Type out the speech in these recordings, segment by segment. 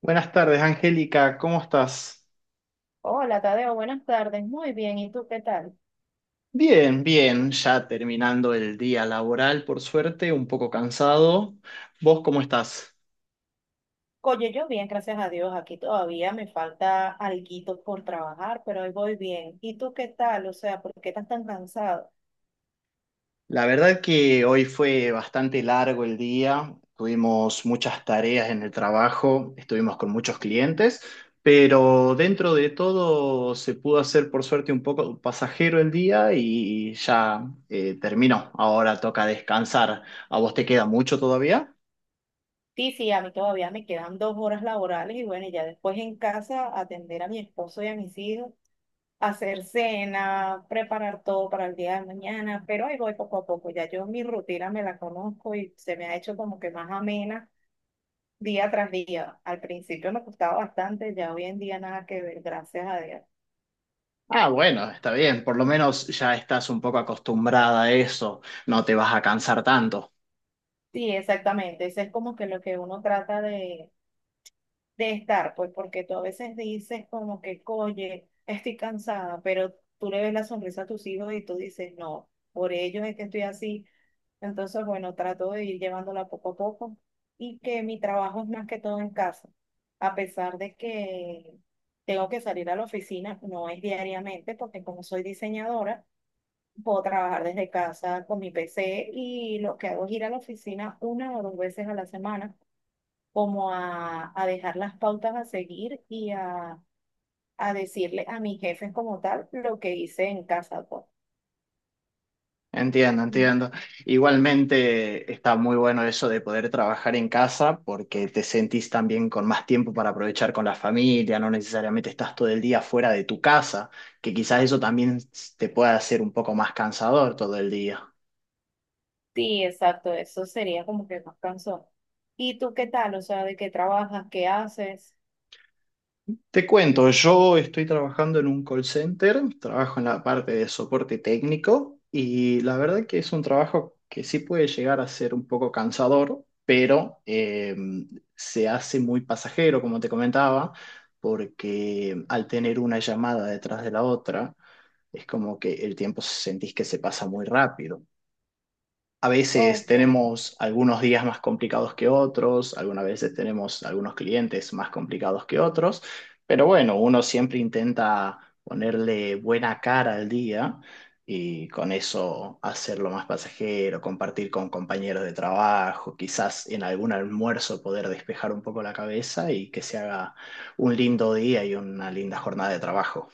Buenas tardes, Angélica, ¿cómo estás? Hola, Tadeo, buenas tardes. Muy bien, ¿y tú qué tal? Bien, ya terminando el día laboral, por suerte, un poco cansado. ¿Vos cómo estás? Oye, yo bien, gracias a Dios. Aquí todavía me falta alguito por trabajar, pero hoy voy bien. ¿Y tú qué tal? O sea, ¿por qué estás tan cansado? La verdad que hoy fue bastante largo el día, tuvimos muchas tareas en el trabajo, estuvimos con muchos clientes, pero dentro de todo se pudo hacer por suerte un poco pasajero el día y ya terminó. Ahora toca descansar. ¿A vos te queda mucho todavía? Sí, sí, a mí todavía me quedan 2 horas laborales y bueno, y ya después en casa atender a mi esposo y a mis hijos, hacer cena, preparar todo para el día de mañana, pero ahí voy poco a poco. Ya yo mi rutina me la conozco y se me ha hecho como que más amena día tras día. Al principio me costaba bastante, ya hoy en día nada que ver, gracias a Dios. Ah, bueno, está bien, por lo Mm. menos ya estás un poco acostumbrada a eso, no te vas a cansar tanto. Sí, exactamente, eso es como que lo que uno trata de estar, pues porque tú a veces dices como que, oye, estoy cansada, pero tú le ves la sonrisa a tus hijos y tú dices, no, por ellos es que estoy así. Entonces, bueno, trato de ir llevándola poco a poco y que mi trabajo es más que todo en casa, a pesar de que tengo que salir a la oficina, no es diariamente, porque como soy diseñadora, puedo trabajar desde casa con mi PC y lo que hago es ir a la oficina una o dos veces a la semana, como a dejar las pautas a seguir y a decirle a mis jefes como tal lo que hice en casa pues. Entiendo, Mm. entiendo. Igualmente está muy bueno eso de poder trabajar en casa porque te sentís también con más tiempo para aprovechar con la familia, no necesariamente estás todo el día fuera de tu casa, que quizás eso también te pueda hacer un poco más cansador todo el día. Sí, exacto, eso sería como que más cansón. ¿Y tú qué tal? O sea, ¿de qué trabajas? ¿Qué haces? Te cuento, yo estoy trabajando en un call center, trabajo en la parte de soporte técnico y la verdad que es un trabajo que sí puede llegar a ser un poco cansador, pero se hace muy pasajero, como te comentaba, porque al tener una llamada detrás de la otra, es como que el tiempo sentís que se pasa muy rápido. A veces Ok. tenemos algunos días más complicados que otros, algunas veces tenemos algunos clientes más complicados que otros, pero bueno, uno siempre intenta ponerle buena cara al día y con eso hacerlo más pasajero, compartir con compañeros de trabajo, quizás en algún almuerzo poder despejar un poco la cabeza y que se haga un lindo día y una linda jornada de trabajo.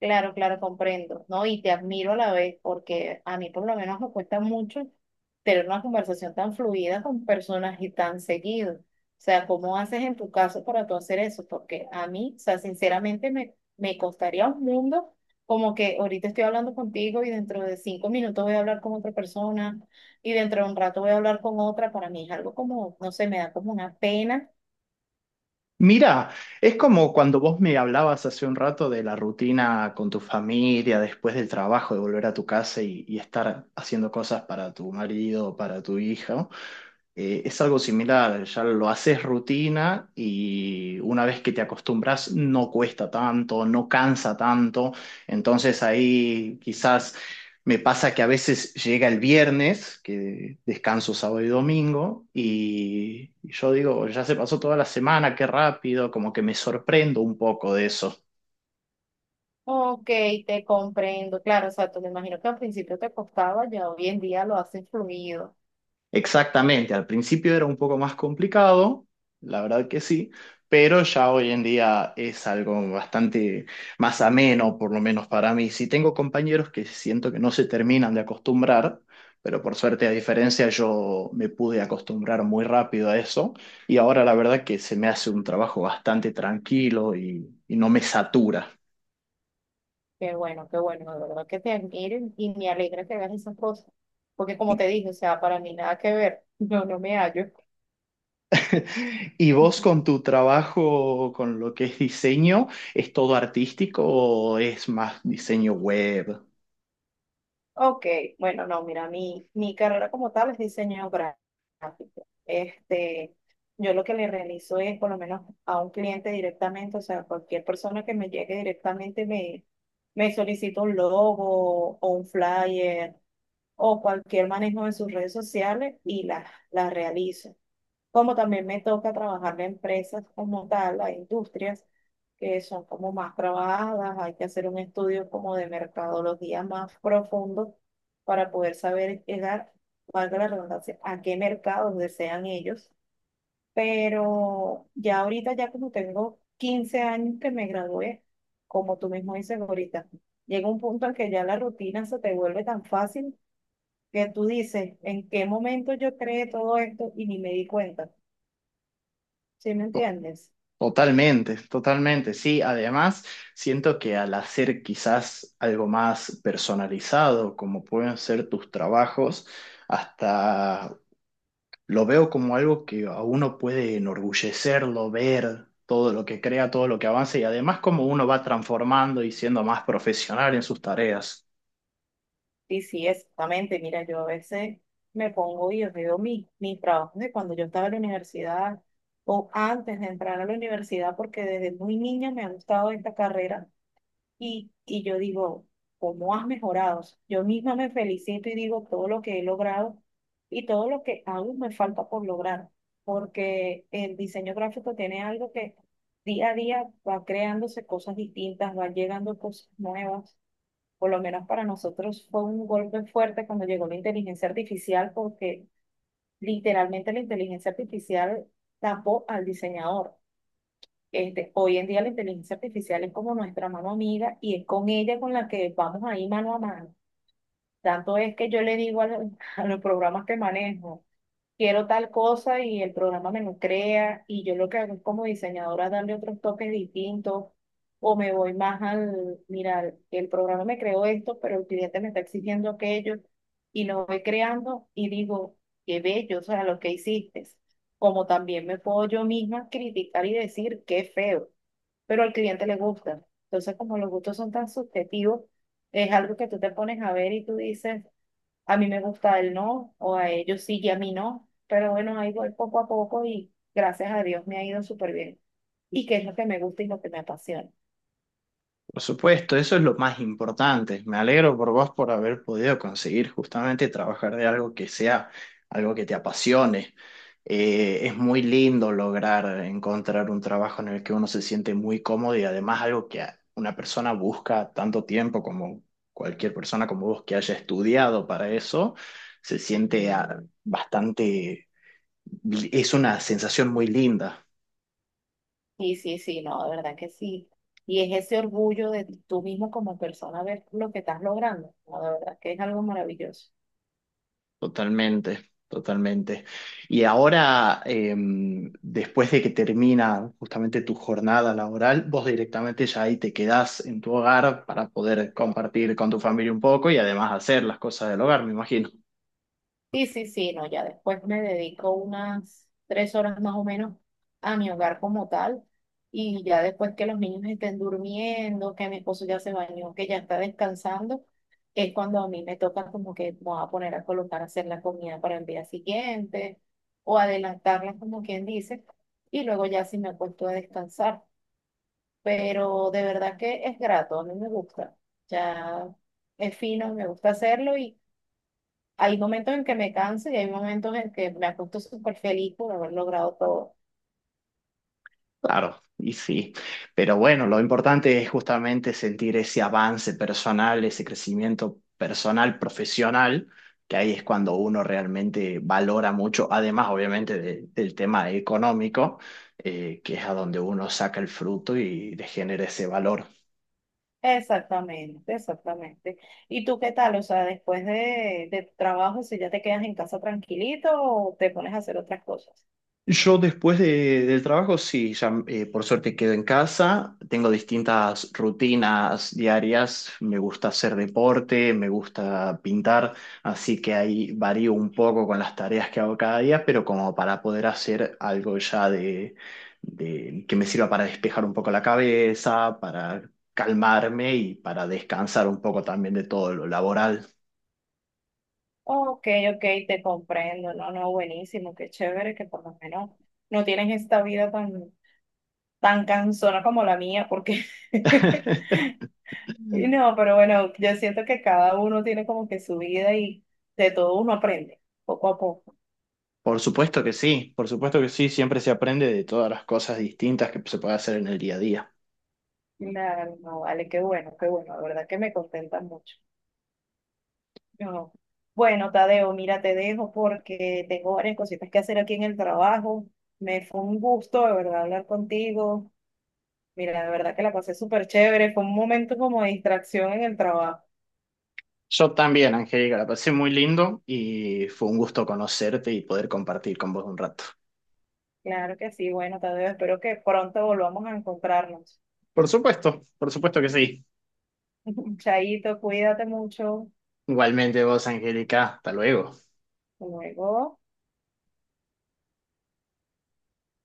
Claro, claro, comprendo, ¿no? Y te admiro a la vez, porque a mí por lo menos me cuesta mucho tener una conversación tan fluida con personas y tan seguido. O sea, ¿cómo haces en tu caso para tú hacer eso? Porque a mí, o sea, sinceramente me costaría un mundo como que ahorita estoy hablando contigo y dentro de 5 minutos voy a hablar con otra persona y dentro de un rato voy a hablar con otra. Para mí es algo como, no sé, me da como una pena. Mira, es como cuando vos me hablabas hace un rato de la rutina con tu familia, después del trabajo, de volver a tu casa y estar haciendo cosas para tu marido, para tu hija es algo similar, ya lo haces rutina y una vez que te acostumbras no cuesta tanto, no cansa tanto, entonces ahí quizás me pasa que a veces llega el viernes, que descanso sábado y domingo, y yo digo, ya se pasó toda la semana, qué rápido, como que me sorprendo un poco de eso. Ok, te comprendo. Claro, o sea, tú me imagino que al principio te costaba, ya hoy en día lo haces fluido. Exactamente, al principio era un poco más complicado, la verdad que sí, pero ya hoy en día es algo bastante más ameno, por lo menos para mí. Sí tengo compañeros que siento que no se terminan de acostumbrar, pero por suerte, a diferencia, yo me pude acostumbrar muy rápido a eso y ahora la verdad que se me hace un trabajo bastante tranquilo y no me satura. Qué bueno, de verdad que te admiro y me alegra que hagas esas cosas. Porque como te dije, o sea, para mí nada que ver, yo no me hallo. ¿Y vos con tu trabajo, con lo que es diseño, es todo artístico o es más diseño web? Ok, bueno, no, mira, mi carrera como tal es diseño gráfico. Este, yo lo que le realizo es, por lo menos a un cliente directamente, o sea, cualquier persona que me llegue directamente me solicita un logo o un flyer o cualquier manejo de sus redes sociales y las realizo. Como también me toca trabajar en empresas como tal, hay industrias que son como más trabajadas, hay que hacer un estudio como de mercadología más profundo para poder saber llegar, valga la redundancia, a qué mercados desean ellos. Pero ya ahorita, ya como tengo 15 años que me gradué, como tú mismo dices ahorita, llega un punto en que ya la rutina se te vuelve tan fácil que tú dices, ¿en qué momento yo creé todo esto y ni me di cuenta? ¿Sí me To- entiendes? Totalmente, totalmente, sí. Además, siento que al hacer quizás algo más personalizado, como pueden ser tus trabajos, hasta lo veo como algo que a uno puede enorgullecerlo, ver todo lo que crea, todo lo que avanza y además como uno va transformando y siendo más profesional en sus tareas. Y sí, exactamente. Mira, yo a veces me pongo y yo veo mis trabajos de cuando yo estaba en la universidad o antes de entrar a la universidad, porque desde muy niña me ha gustado esta carrera. Y yo digo, ¿cómo has mejorado? O sea, yo misma me felicito y digo todo lo que he logrado y todo lo que aún me falta por lograr, porque el diseño gráfico tiene algo que día a día va creándose cosas distintas, van llegando cosas nuevas. Por lo menos para nosotros fue un golpe fuerte cuando llegó la inteligencia artificial, porque literalmente la inteligencia artificial tapó al diseñador. Este, hoy en día la inteligencia artificial es como nuestra mano amiga y es con ella con la que vamos ahí mano a mano. Tanto es que yo le digo a los, a los programas que manejo, quiero tal cosa y el programa me lo crea y yo lo que hago es como diseñadora es darle otros toques distintos o me voy más al, mira, el programa me creó esto, pero el cliente me está exigiendo aquello y lo voy creando y digo, qué bello, o sea, lo que hiciste. Como también me puedo yo misma criticar y decir, qué feo, pero al cliente le gusta. Entonces, como los gustos son tan subjetivos, es algo que tú te pones a ver y tú dices, a mí me gusta el no, o a ellos sí y a mí no, pero bueno, ahí voy poco a poco y gracias a Dios me ha ido súper bien. Y qué es lo que me gusta y lo que me apasiona. Por supuesto, eso es lo más importante. Me alegro por vos por haber podido conseguir justamente trabajar de algo que sea algo que te apasione. Es muy lindo lograr encontrar un trabajo en el que uno se siente muy cómodo y además algo que una persona busca tanto tiempo como cualquier persona como vos que haya estudiado para eso, se siente ah, bastante, es una sensación muy linda. Y sí, sí, no, de verdad que sí. Y es ese orgullo de tú mismo como persona ver lo que estás logrando. No, de verdad que es algo maravilloso. Totalmente, totalmente. Y ahora, después de que termina justamente tu jornada laboral, vos directamente ya ahí te quedás en tu hogar para poder compartir con tu familia un poco y además hacer las cosas del hogar, me imagino. Sí, sí, sí, no, ya después me dedico unas 3 horas más o menos a mi hogar como tal y ya después que los niños estén durmiendo, que mi esposo ya se bañó, que ya está descansando, es cuando a mí me toca como que me voy a poner a colocar a hacer la comida para el día siguiente o adelantarla como quien dice y luego ya sí me acuesto a descansar, pero de verdad que es grato, a mí me gusta, ya es fino, me gusta hacerlo y hay momentos en que me canso y hay momentos en que me acuesto súper feliz por haber logrado todo. Claro, y sí, pero bueno, lo importante es justamente sentir ese avance personal, ese crecimiento personal, profesional, que ahí es cuando uno realmente valora mucho, además obviamente del tema económico, que es a donde uno saca el fruto y le genera ese valor. Exactamente, exactamente. ¿Y tú qué tal? O sea, después de tu trabajo, si ya te quedas en casa tranquilito o te pones a hacer otras cosas. Yo después del trabajo, sí, ya por suerte quedo en casa, tengo distintas rutinas diarias, me gusta hacer deporte, me gusta pintar, así que ahí varío un poco con las tareas que hago cada día, pero como para poder hacer algo ya que me sirva para despejar un poco la cabeza, para calmarme y para descansar un poco también de todo lo laboral. Ok, ok, te comprendo. No, no, buenísimo, qué chévere que por lo menos no tienes esta vida tan cansona como la mía, porque y no, pero bueno, yo siento que cada uno tiene como que su vida y de todo uno aprende, poco a poco. Por supuesto que sí, por supuesto que sí, siempre se aprende de todas las cosas distintas que se puede hacer en el día a día. Claro, no, vale, qué bueno, la verdad que me contenta mucho. No. Bueno, Tadeo, mira, te dejo porque tengo varias cositas que hacer aquí en el trabajo. Me fue un gusto, de verdad, hablar contigo. Mira, de verdad que la pasé súper chévere, fue un momento como de distracción en el trabajo. Yo también, Angélica, la pasé muy lindo y fue un gusto conocerte y poder compartir con vos un rato. Claro que sí, bueno, Tadeo, espero que pronto volvamos a encontrarnos. Por supuesto que sí. Chaito, cuídate mucho. Igualmente vos, Angélica, hasta luego. Hasta luego.